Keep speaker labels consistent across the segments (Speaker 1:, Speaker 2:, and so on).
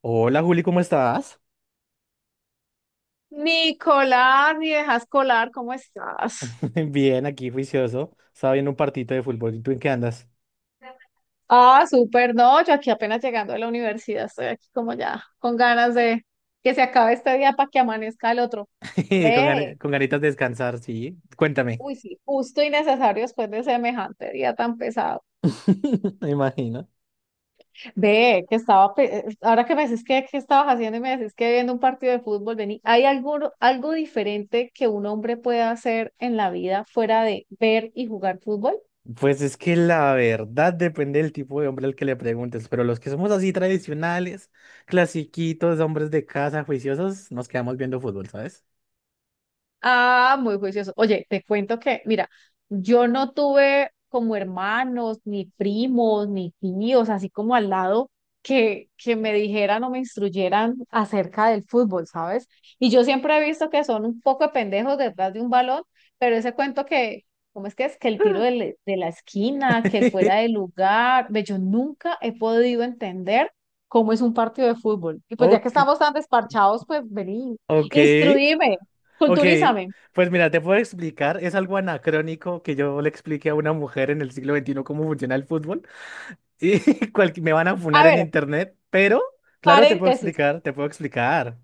Speaker 1: Hola Juli, ¿cómo estás?
Speaker 2: Nicolás, mi dejas colar, ¿cómo estás?
Speaker 1: Bien, aquí juicioso. Estaba viendo un partito de fútbol. ¿Y tú en qué andas?
Speaker 2: Ah, súper, no, yo aquí apenas llegando de la universidad, estoy aquí como ya con ganas de que se acabe este día para que amanezca el otro.
Speaker 1: Con, gani-
Speaker 2: Ve,
Speaker 1: con ganitas de descansar, sí. Cuéntame.
Speaker 2: uy, sí, justo y necesario después de semejante día tan pesado.
Speaker 1: Me imagino.
Speaker 2: Ve, que estaba, ahora que me decís que estabas haciendo y me decís que viendo un partido de fútbol, vení, ¿hay algo diferente que un hombre pueda hacer en la vida fuera de ver y jugar fútbol?
Speaker 1: Pues es que la verdad depende del tipo de hombre al que le preguntes, pero los que somos así tradicionales, clasiquitos, hombres de casa, juiciosos, nos quedamos viendo fútbol, ¿sabes?
Speaker 2: Ah, muy juicioso. Oye, te cuento que, mira, yo no tuve como hermanos, ni primos, ni tíos, así como al lado, que me dijeran o me instruyeran acerca del fútbol, ¿sabes? Y yo siempre he visto que son un poco de pendejos detrás de un balón, pero ese cuento que, ¿cómo es? Que el tiro de la esquina, que el fuera de lugar, ve, yo nunca he podido entender cómo es un partido de fútbol. Y pues ya que
Speaker 1: Ok,
Speaker 2: estamos tan desparchados, pues vení.
Speaker 1: ok,
Speaker 2: Instruíme,
Speaker 1: ok.
Speaker 2: culturízame.
Speaker 1: Pues mira, te puedo explicar, es algo anacrónico que yo le explique a una mujer en el siglo XXI cómo funciona el fútbol. Y cual- me van a
Speaker 2: A
Speaker 1: funar en
Speaker 2: ver,
Speaker 1: internet, pero claro, te puedo
Speaker 2: paréntesis,
Speaker 1: explicar, te puedo explicar.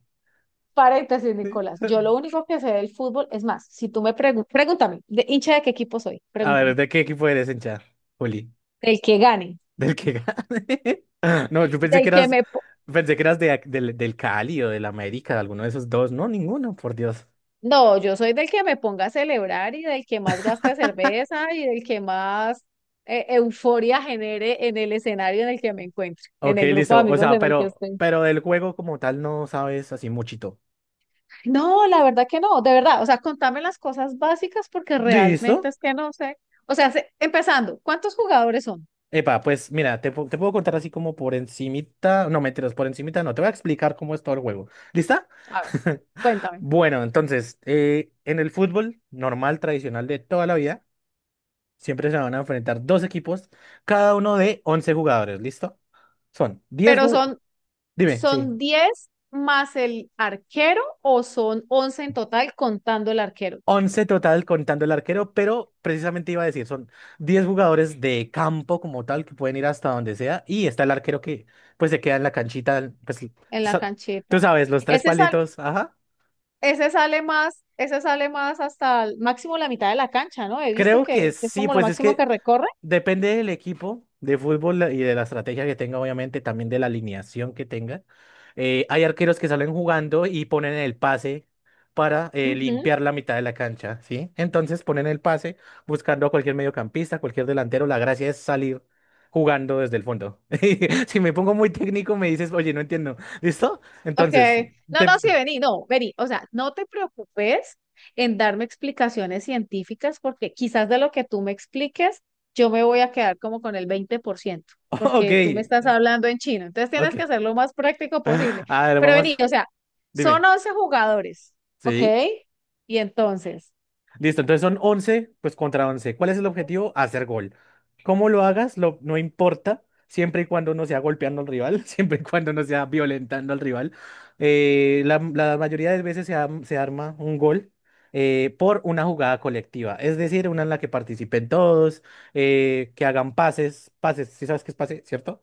Speaker 2: paréntesis,
Speaker 1: Sí.
Speaker 2: Nicolás. Yo lo único que sé del fútbol, es más, si tú me preguntas, pregúntame, ¿de hincha de qué equipo soy?
Speaker 1: A ver,
Speaker 2: Pregúntame.
Speaker 1: ¿de qué equipo eres, hincha? Juli,
Speaker 2: Del que gane,
Speaker 1: del que gane. No, yo
Speaker 2: del que me... po-
Speaker 1: pensé que eras del Cali o del América, de alguno de esos dos. No, ninguno, por Dios.
Speaker 2: no, yo soy del que me ponga a celebrar y del que más gaste cerveza y del que más euforia genere en el escenario en el que me encuentro, en
Speaker 1: Ok,
Speaker 2: el grupo de
Speaker 1: listo. O
Speaker 2: amigos
Speaker 1: sea,
Speaker 2: en el que
Speaker 1: pero,
Speaker 2: estoy.
Speaker 1: pero del juego como tal no sabes así muchito.
Speaker 2: No, la verdad que no, de verdad. O sea, contame las cosas básicas porque realmente
Speaker 1: ¿Listo?
Speaker 2: es que no sé. O sea, empezando, ¿cuántos jugadores son?
Speaker 1: Epa, pues mira, te puedo contar así como por encimita. No, mentiras, por encimita no. Te voy a explicar cómo es todo el juego. ¿Lista?
Speaker 2: A ver, cuéntame.
Speaker 1: Bueno, entonces, en el fútbol normal, tradicional de toda la vida, siempre se van a enfrentar dos equipos, cada uno de 11 jugadores, ¿listo? Son 10.
Speaker 2: Pero
Speaker 1: Jugadores,
Speaker 2: son,
Speaker 1: dime, sí,
Speaker 2: son 10 más el arquero o son 11 en total contando el arquero
Speaker 1: once total contando el arquero, pero precisamente iba a decir, son 10 jugadores de campo como tal que pueden ir hasta donde sea y está el arquero que pues se queda en la canchita, pues
Speaker 2: en la
Speaker 1: sa- tú
Speaker 2: cancheta.
Speaker 1: sabes, los tres
Speaker 2: Ese sale,
Speaker 1: palitos, ajá.
Speaker 2: ese sale más hasta el máximo la mitad de la cancha, ¿no? He visto
Speaker 1: Creo que
Speaker 2: que es
Speaker 1: sí,
Speaker 2: como lo
Speaker 1: pues es
Speaker 2: máximo
Speaker 1: que
Speaker 2: que recorre.
Speaker 1: depende del equipo de fútbol y de la estrategia que tenga, obviamente, también de la alineación que tenga. Hay arqueros que salen jugando y ponen el pase para limpiar la mitad de la cancha, ¿sí? Entonces ponen el pase buscando a cualquier mediocampista, cualquier delantero. La gracia es salir jugando desde el fondo. Si me pongo muy técnico, me dices, oye, no entiendo. ¿Listo?
Speaker 2: Ok,
Speaker 1: Entonces,
Speaker 2: no,
Speaker 1: te-
Speaker 2: no, sí, vení, no, vení, o sea, no te preocupes en darme explicaciones científicas porque quizás de lo que tú me expliques, yo me voy a quedar como con el 20%
Speaker 1: ok,
Speaker 2: porque tú me estás hablando en chino, entonces tienes que
Speaker 1: ok.
Speaker 2: ser lo más práctico posible.
Speaker 1: A ver,
Speaker 2: Pero vení,
Speaker 1: vamos,
Speaker 2: o sea, son
Speaker 1: dime.
Speaker 2: 11 jugadores, ¿ok?
Speaker 1: ¿Sí?
Speaker 2: Y entonces,
Speaker 1: Listo, entonces son 11 pues contra once. ¿Cuál es el objetivo? Hacer gol. ¿Cómo lo hagas? No importa, siempre y cuando no sea golpeando al rival, siempre y cuando no sea violentando al rival. La mayoría de veces se arma un gol por una jugada colectiva, es decir, una en la que participen todos, que hagan pases, pases, si sabes qué es pase, ¿cierto?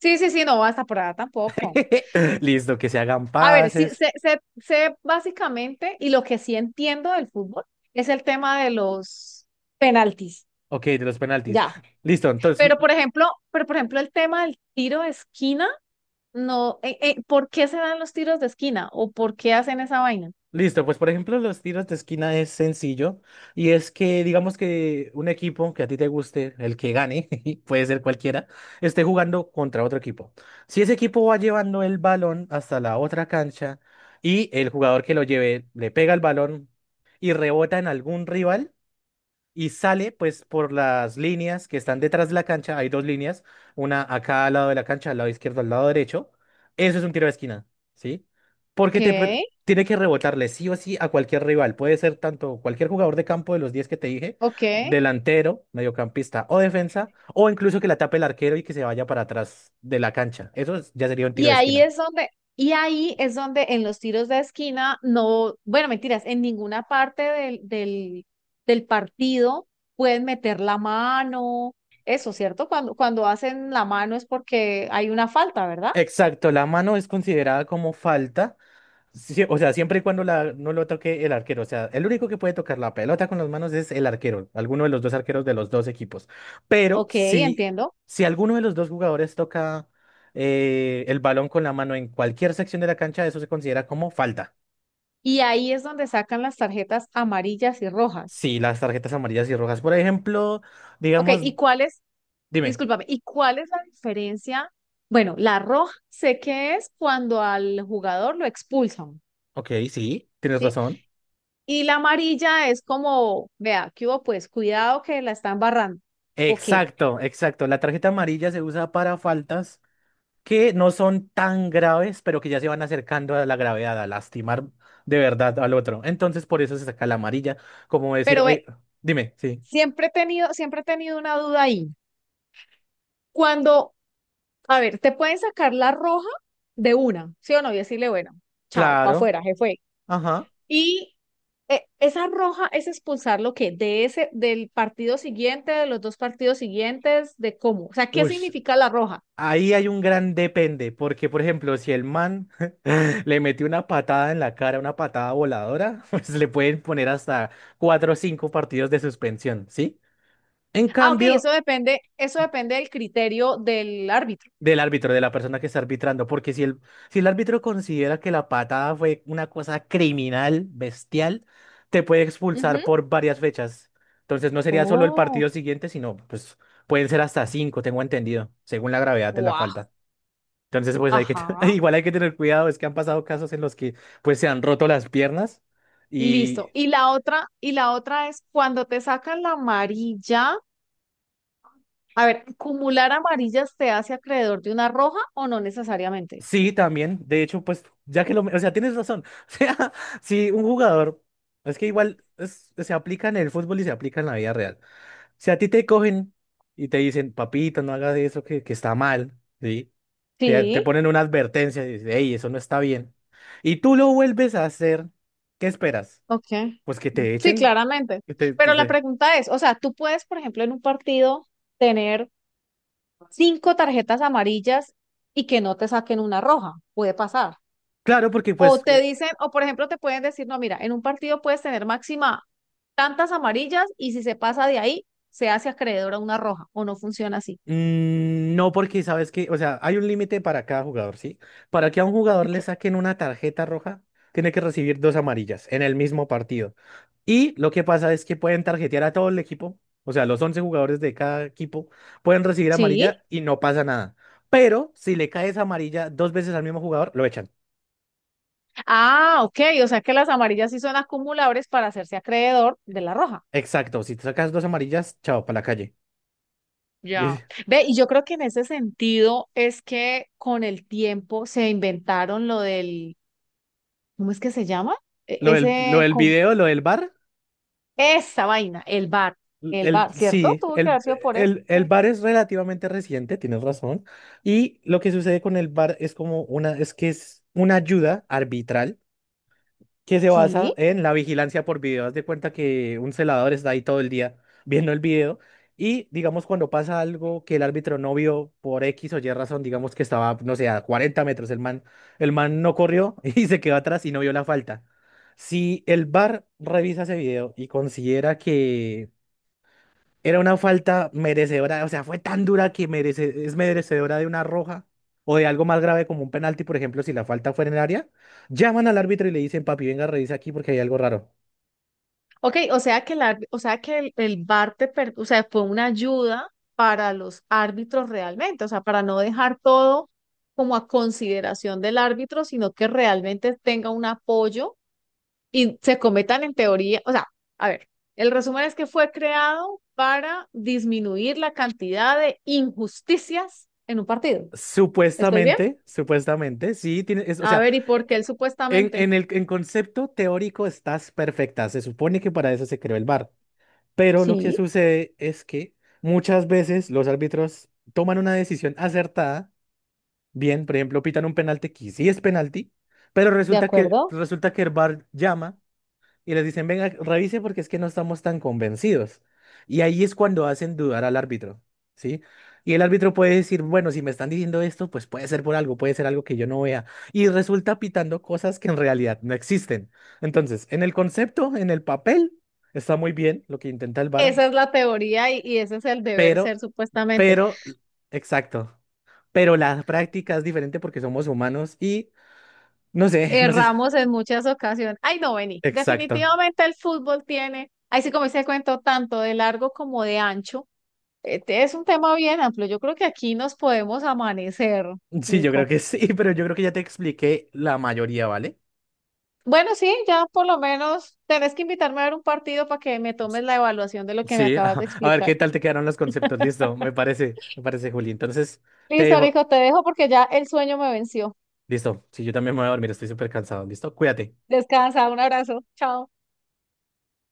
Speaker 2: sí, sí, sí, no, hasta por allá tampoco.
Speaker 1: Listo, que se hagan
Speaker 2: A ver, sí,
Speaker 1: pases.
Speaker 2: sé básicamente, y lo que sí entiendo del fútbol es el tema de los penaltis.
Speaker 1: Ok, de los penaltis.
Speaker 2: Ya,
Speaker 1: Listo, entonces
Speaker 2: pero por ejemplo, pero por ejemplo el tema del tiro de esquina, no, ¿por qué se dan los tiros de esquina o por qué hacen esa vaina?
Speaker 1: listo, pues por ejemplo los tiros de esquina es sencillo y es que digamos que un equipo que a ti te guste, el que gane, puede ser cualquiera, esté jugando contra otro equipo. Si ese equipo va llevando el balón hasta la otra cancha y el jugador que lo lleve le pega el balón y rebota en algún rival, y sale pues por las líneas que están detrás de la cancha. Hay dos líneas, una a cada lado de la cancha, al lado izquierdo, al lado derecho. Eso es un tiro de esquina, ¿sí?
Speaker 2: Ok,
Speaker 1: Porque tiene que rebotarle sí o sí a cualquier rival. Puede ser tanto cualquier jugador de campo de los 10 que te dije,
Speaker 2: ok.
Speaker 1: delantero, mediocampista o defensa, o incluso que la tape el arquero y que se vaya para atrás de la cancha. Ya sería un tiro
Speaker 2: Y
Speaker 1: de
Speaker 2: ahí
Speaker 1: esquina.
Speaker 2: es donde, y ahí es donde en los tiros de esquina no, bueno, mentiras, en ninguna parte del partido pueden meter la mano, eso, ¿cierto? Cuando, cuando hacen la mano es porque hay una falta, ¿verdad?
Speaker 1: Exacto, la mano es considerada como falta. Sí, o sea, siempre y cuando no lo toque el arquero. O sea, el único que puede tocar la pelota con las manos es el arquero, alguno de los dos arqueros de los dos equipos. Pero
Speaker 2: Ok,
Speaker 1: si,
Speaker 2: entiendo.
Speaker 1: si alguno de los dos jugadores toca el balón con la mano en cualquier sección de la cancha, eso se considera como falta.
Speaker 2: Y ahí es donde sacan las tarjetas amarillas y rojas.
Speaker 1: Sí, las tarjetas amarillas y rojas. Por ejemplo,
Speaker 2: Ok,
Speaker 1: digamos,
Speaker 2: ¿y cuáles
Speaker 1: dime,
Speaker 2: discúlpame, ¿y cuál es la diferencia? Bueno, la roja sé que es cuando al jugador lo expulsan,
Speaker 1: ok, sí, tienes
Speaker 2: ¿sí?
Speaker 1: razón.
Speaker 2: Y la amarilla es como, vea, ¿qué hubo? Pues cuidado que la están barrando. Ok,
Speaker 1: Exacto, exacto. La tarjeta amarilla se usa para faltas que no son tan graves, pero que ya se van acercando a la gravedad, a lastimar de verdad al otro. Entonces, por eso se saca la amarilla, como decir,
Speaker 2: pero
Speaker 1: oye, dime, sí,
Speaker 2: siempre he tenido una duda ahí. Cuando, a ver, te pueden sacar la roja de una, ¿sí o no? Y decirle, bueno, chao, para
Speaker 1: claro,
Speaker 2: afuera, jefe.
Speaker 1: ajá,
Speaker 2: Y esa roja es expulsar lo que de ese, del partido siguiente, de los dos partidos siguientes, de cómo. O sea, ¿qué
Speaker 1: ush.
Speaker 2: significa la roja?
Speaker 1: Ahí hay un gran depende, porque por ejemplo, si el man le metió una patada en la cara, una patada voladora, pues le pueden poner hasta cuatro o cinco partidos de suspensión, ¿sí? En
Speaker 2: Ah, ok,
Speaker 1: cambio,
Speaker 2: eso depende del criterio del árbitro.
Speaker 1: del árbitro, de la persona que está arbitrando, porque si el árbitro considera que la patada fue una cosa criminal, bestial, te puede
Speaker 2: Ujú.
Speaker 1: expulsar por varias fechas. Entonces no sería solo el
Speaker 2: Oh,
Speaker 1: partido siguiente, sino pues pueden ser hasta cinco, tengo entendido, según la gravedad de la
Speaker 2: guau,
Speaker 1: falta. Entonces pues hay que,
Speaker 2: ajá.
Speaker 1: igual hay que tener cuidado, es que han pasado casos en los que pues se han roto las piernas
Speaker 2: Listo.
Speaker 1: y
Speaker 2: Y la otra es cuando te sacan la amarilla. A ver, ¿acumular amarillas te hace acreedor de una roja o no necesariamente?
Speaker 1: sí, también. De hecho, pues, ya que lo... O sea, tienes razón. O sea, si un jugador... Es que igual se aplica en el fútbol y se aplica en la vida real. Si a ti te cogen y te dicen, papito, no hagas eso que está mal, ¿sí? Te
Speaker 2: Sí.
Speaker 1: ponen una advertencia y dices, hey, eso no está bien. Y tú lo vuelves a hacer, ¿qué esperas?
Speaker 2: Ok.
Speaker 1: Pues que te
Speaker 2: Sí,
Speaker 1: echen.
Speaker 2: claramente.
Speaker 1: Que te- te-
Speaker 2: Pero la
Speaker 1: te-
Speaker 2: pregunta es, o sea, tú puedes, por ejemplo, en un partido tener cinco tarjetas amarillas y que no te saquen una roja, puede pasar.
Speaker 1: Claro, porque pues,
Speaker 2: O te dicen, o por ejemplo, te pueden decir, no, mira, en un partido puedes tener máxima tantas amarillas y si se pasa de ahí, se hace acreedor a una roja, o no funciona así.
Speaker 1: mm, no, porque sabes que, o sea, hay un límite para cada jugador, ¿sí? Para que a un jugador
Speaker 2: Ok.
Speaker 1: le saquen una tarjeta roja, tiene que recibir dos amarillas en el mismo partido. Y lo que pasa es que pueden tarjetear a todo el equipo, o sea, los 11 jugadores de cada equipo pueden recibir
Speaker 2: Sí.
Speaker 1: amarilla y no pasa nada. Pero si le caes amarilla dos veces al mismo jugador, lo echan.
Speaker 2: Ah, ok, o sea que las amarillas sí son acumulables para hacerse acreedor de la roja.
Speaker 1: Exacto, si te sacas dos amarillas, chao, para la calle.
Speaker 2: Ya.
Speaker 1: Dice,
Speaker 2: Ve, y yo creo que en ese sentido es que con el tiempo se inventaron lo del, ¿cómo es que se llama?
Speaker 1: lo del, lo
Speaker 2: Ese,
Speaker 1: del video, lo del bar.
Speaker 2: esa vaina, el
Speaker 1: El,
Speaker 2: bar, ¿cierto?
Speaker 1: sí,
Speaker 2: Tuvo que haber sido por eso.
Speaker 1: El
Speaker 2: ¿Qué?
Speaker 1: bar es relativamente reciente, tienes razón. Y lo que sucede con el bar es como una, es que es una ayuda arbitral que se basa
Speaker 2: Sí.
Speaker 1: en la vigilancia por video. Haz de cuenta que un celador está ahí todo el día viendo el video y digamos cuando pasa algo que el árbitro no vio por X o Y razón, digamos que estaba, no sé, a 40 metros, el man no corrió y se quedó atrás y no vio la falta. Si el bar revisa ese video y considera que era una falta merecedora, o sea, fue tan dura que merece, es merecedora de una roja o de algo más grave como un penalti, por ejemplo, si la falta fuera en el área, llaman al árbitro y le dicen, papi, venga, revisa aquí porque hay algo raro.
Speaker 2: Ok, o sea que el bar o sea, fue una ayuda para los árbitros realmente, o sea, para no dejar todo como a consideración del árbitro, sino que realmente tenga un apoyo y se cometan en teoría, o sea, a ver, el resumen es que fue creado para disminuir la cantidad de injusticias en un partido. ¿Estoy bien?
Speaker 1: Supuestamente, supuestamente, sí, tiene, es, o
Speaker 2: A
Speaker 1: sea,
Speaker 2: ver, ¿y
Speaker 1: e-
Speaker 2: por qué él
Speaker 1: e-
Speaker 2: supuestamente?
Speaker 1: en el en concepto teórico estás perfecta, se supone que para eso se creó el VAR, pero lo que
Speaker 2: Sí,
Speaker 1: sucede es que muchas veces los árbitros toman una decisión acertada. Bien, por ejemplo, pitan un penalti que sí es penalti, pero
Speaker 2: de acuerdo.
Speaker 1: resulta que el VAR llama y les dicen, venga, revise porque es que no estamos tan convencidos. Y ahí es cuando hacen dudar al árbitro, ¿sí? Y el árbitro puede decir, bueno, si me están diciendo esto, pues puede ser por algo, puede ser algo que yo no vea. Y resulta pitando cosas que en realidad no existen. Entonces, en el concepto, en el papel, está muy bien lo que intenta el VAR,
Speaker 2: Esa es la teoría y ese es el deber
Speaker 1: pero,
Speaker 2: ser supuestamente.
Speaker 1: pero, exacto. Pero la práctica es diferente porque somos humanos y no sé, no sé.
Speaker 2: Erramos en muchas ocasiones. Ay, no, vení.
Speaker 1: Exacto.
Speaker 2: Definitivamente el fútbol tiene, ahí sí como dice el cuento, tanto de largo como de ancho. Este es un tema bien amplio. Yo creo que aquí nos podemos amanecer,
Speaker 1: Sí, yo creo
Speaker 2: Nico.
Speaker 1: que sí, pero yo creo que ya te expliqué la mayoría, ¿vale?
Speaker 2: Bueno, sí, ya por lo menos tenés que invitarme a ver un partido para que me tomes la evaluación de lo que me
Speaker 1: Sí,
Speaker 2: acabas
Speaker 1: ajá.
Speaker 2: de
Speaker 1: A ver qué
Speaker 2: explicar.
Speaker 1: tal te quedaron los conceptos. Listo, me parece, Juli. Entonces, te
Speaker 2: Listo,
Speaker 1: dejo.
Speaker 2: hijo, te dejo porque ya el sueño me venció.
Speaker 1: Listo. Sí, yo también me voy a dormir, estoy súper cansado. Listo, cuídate.
Speaker 2: Descansa, un abrazo, chao.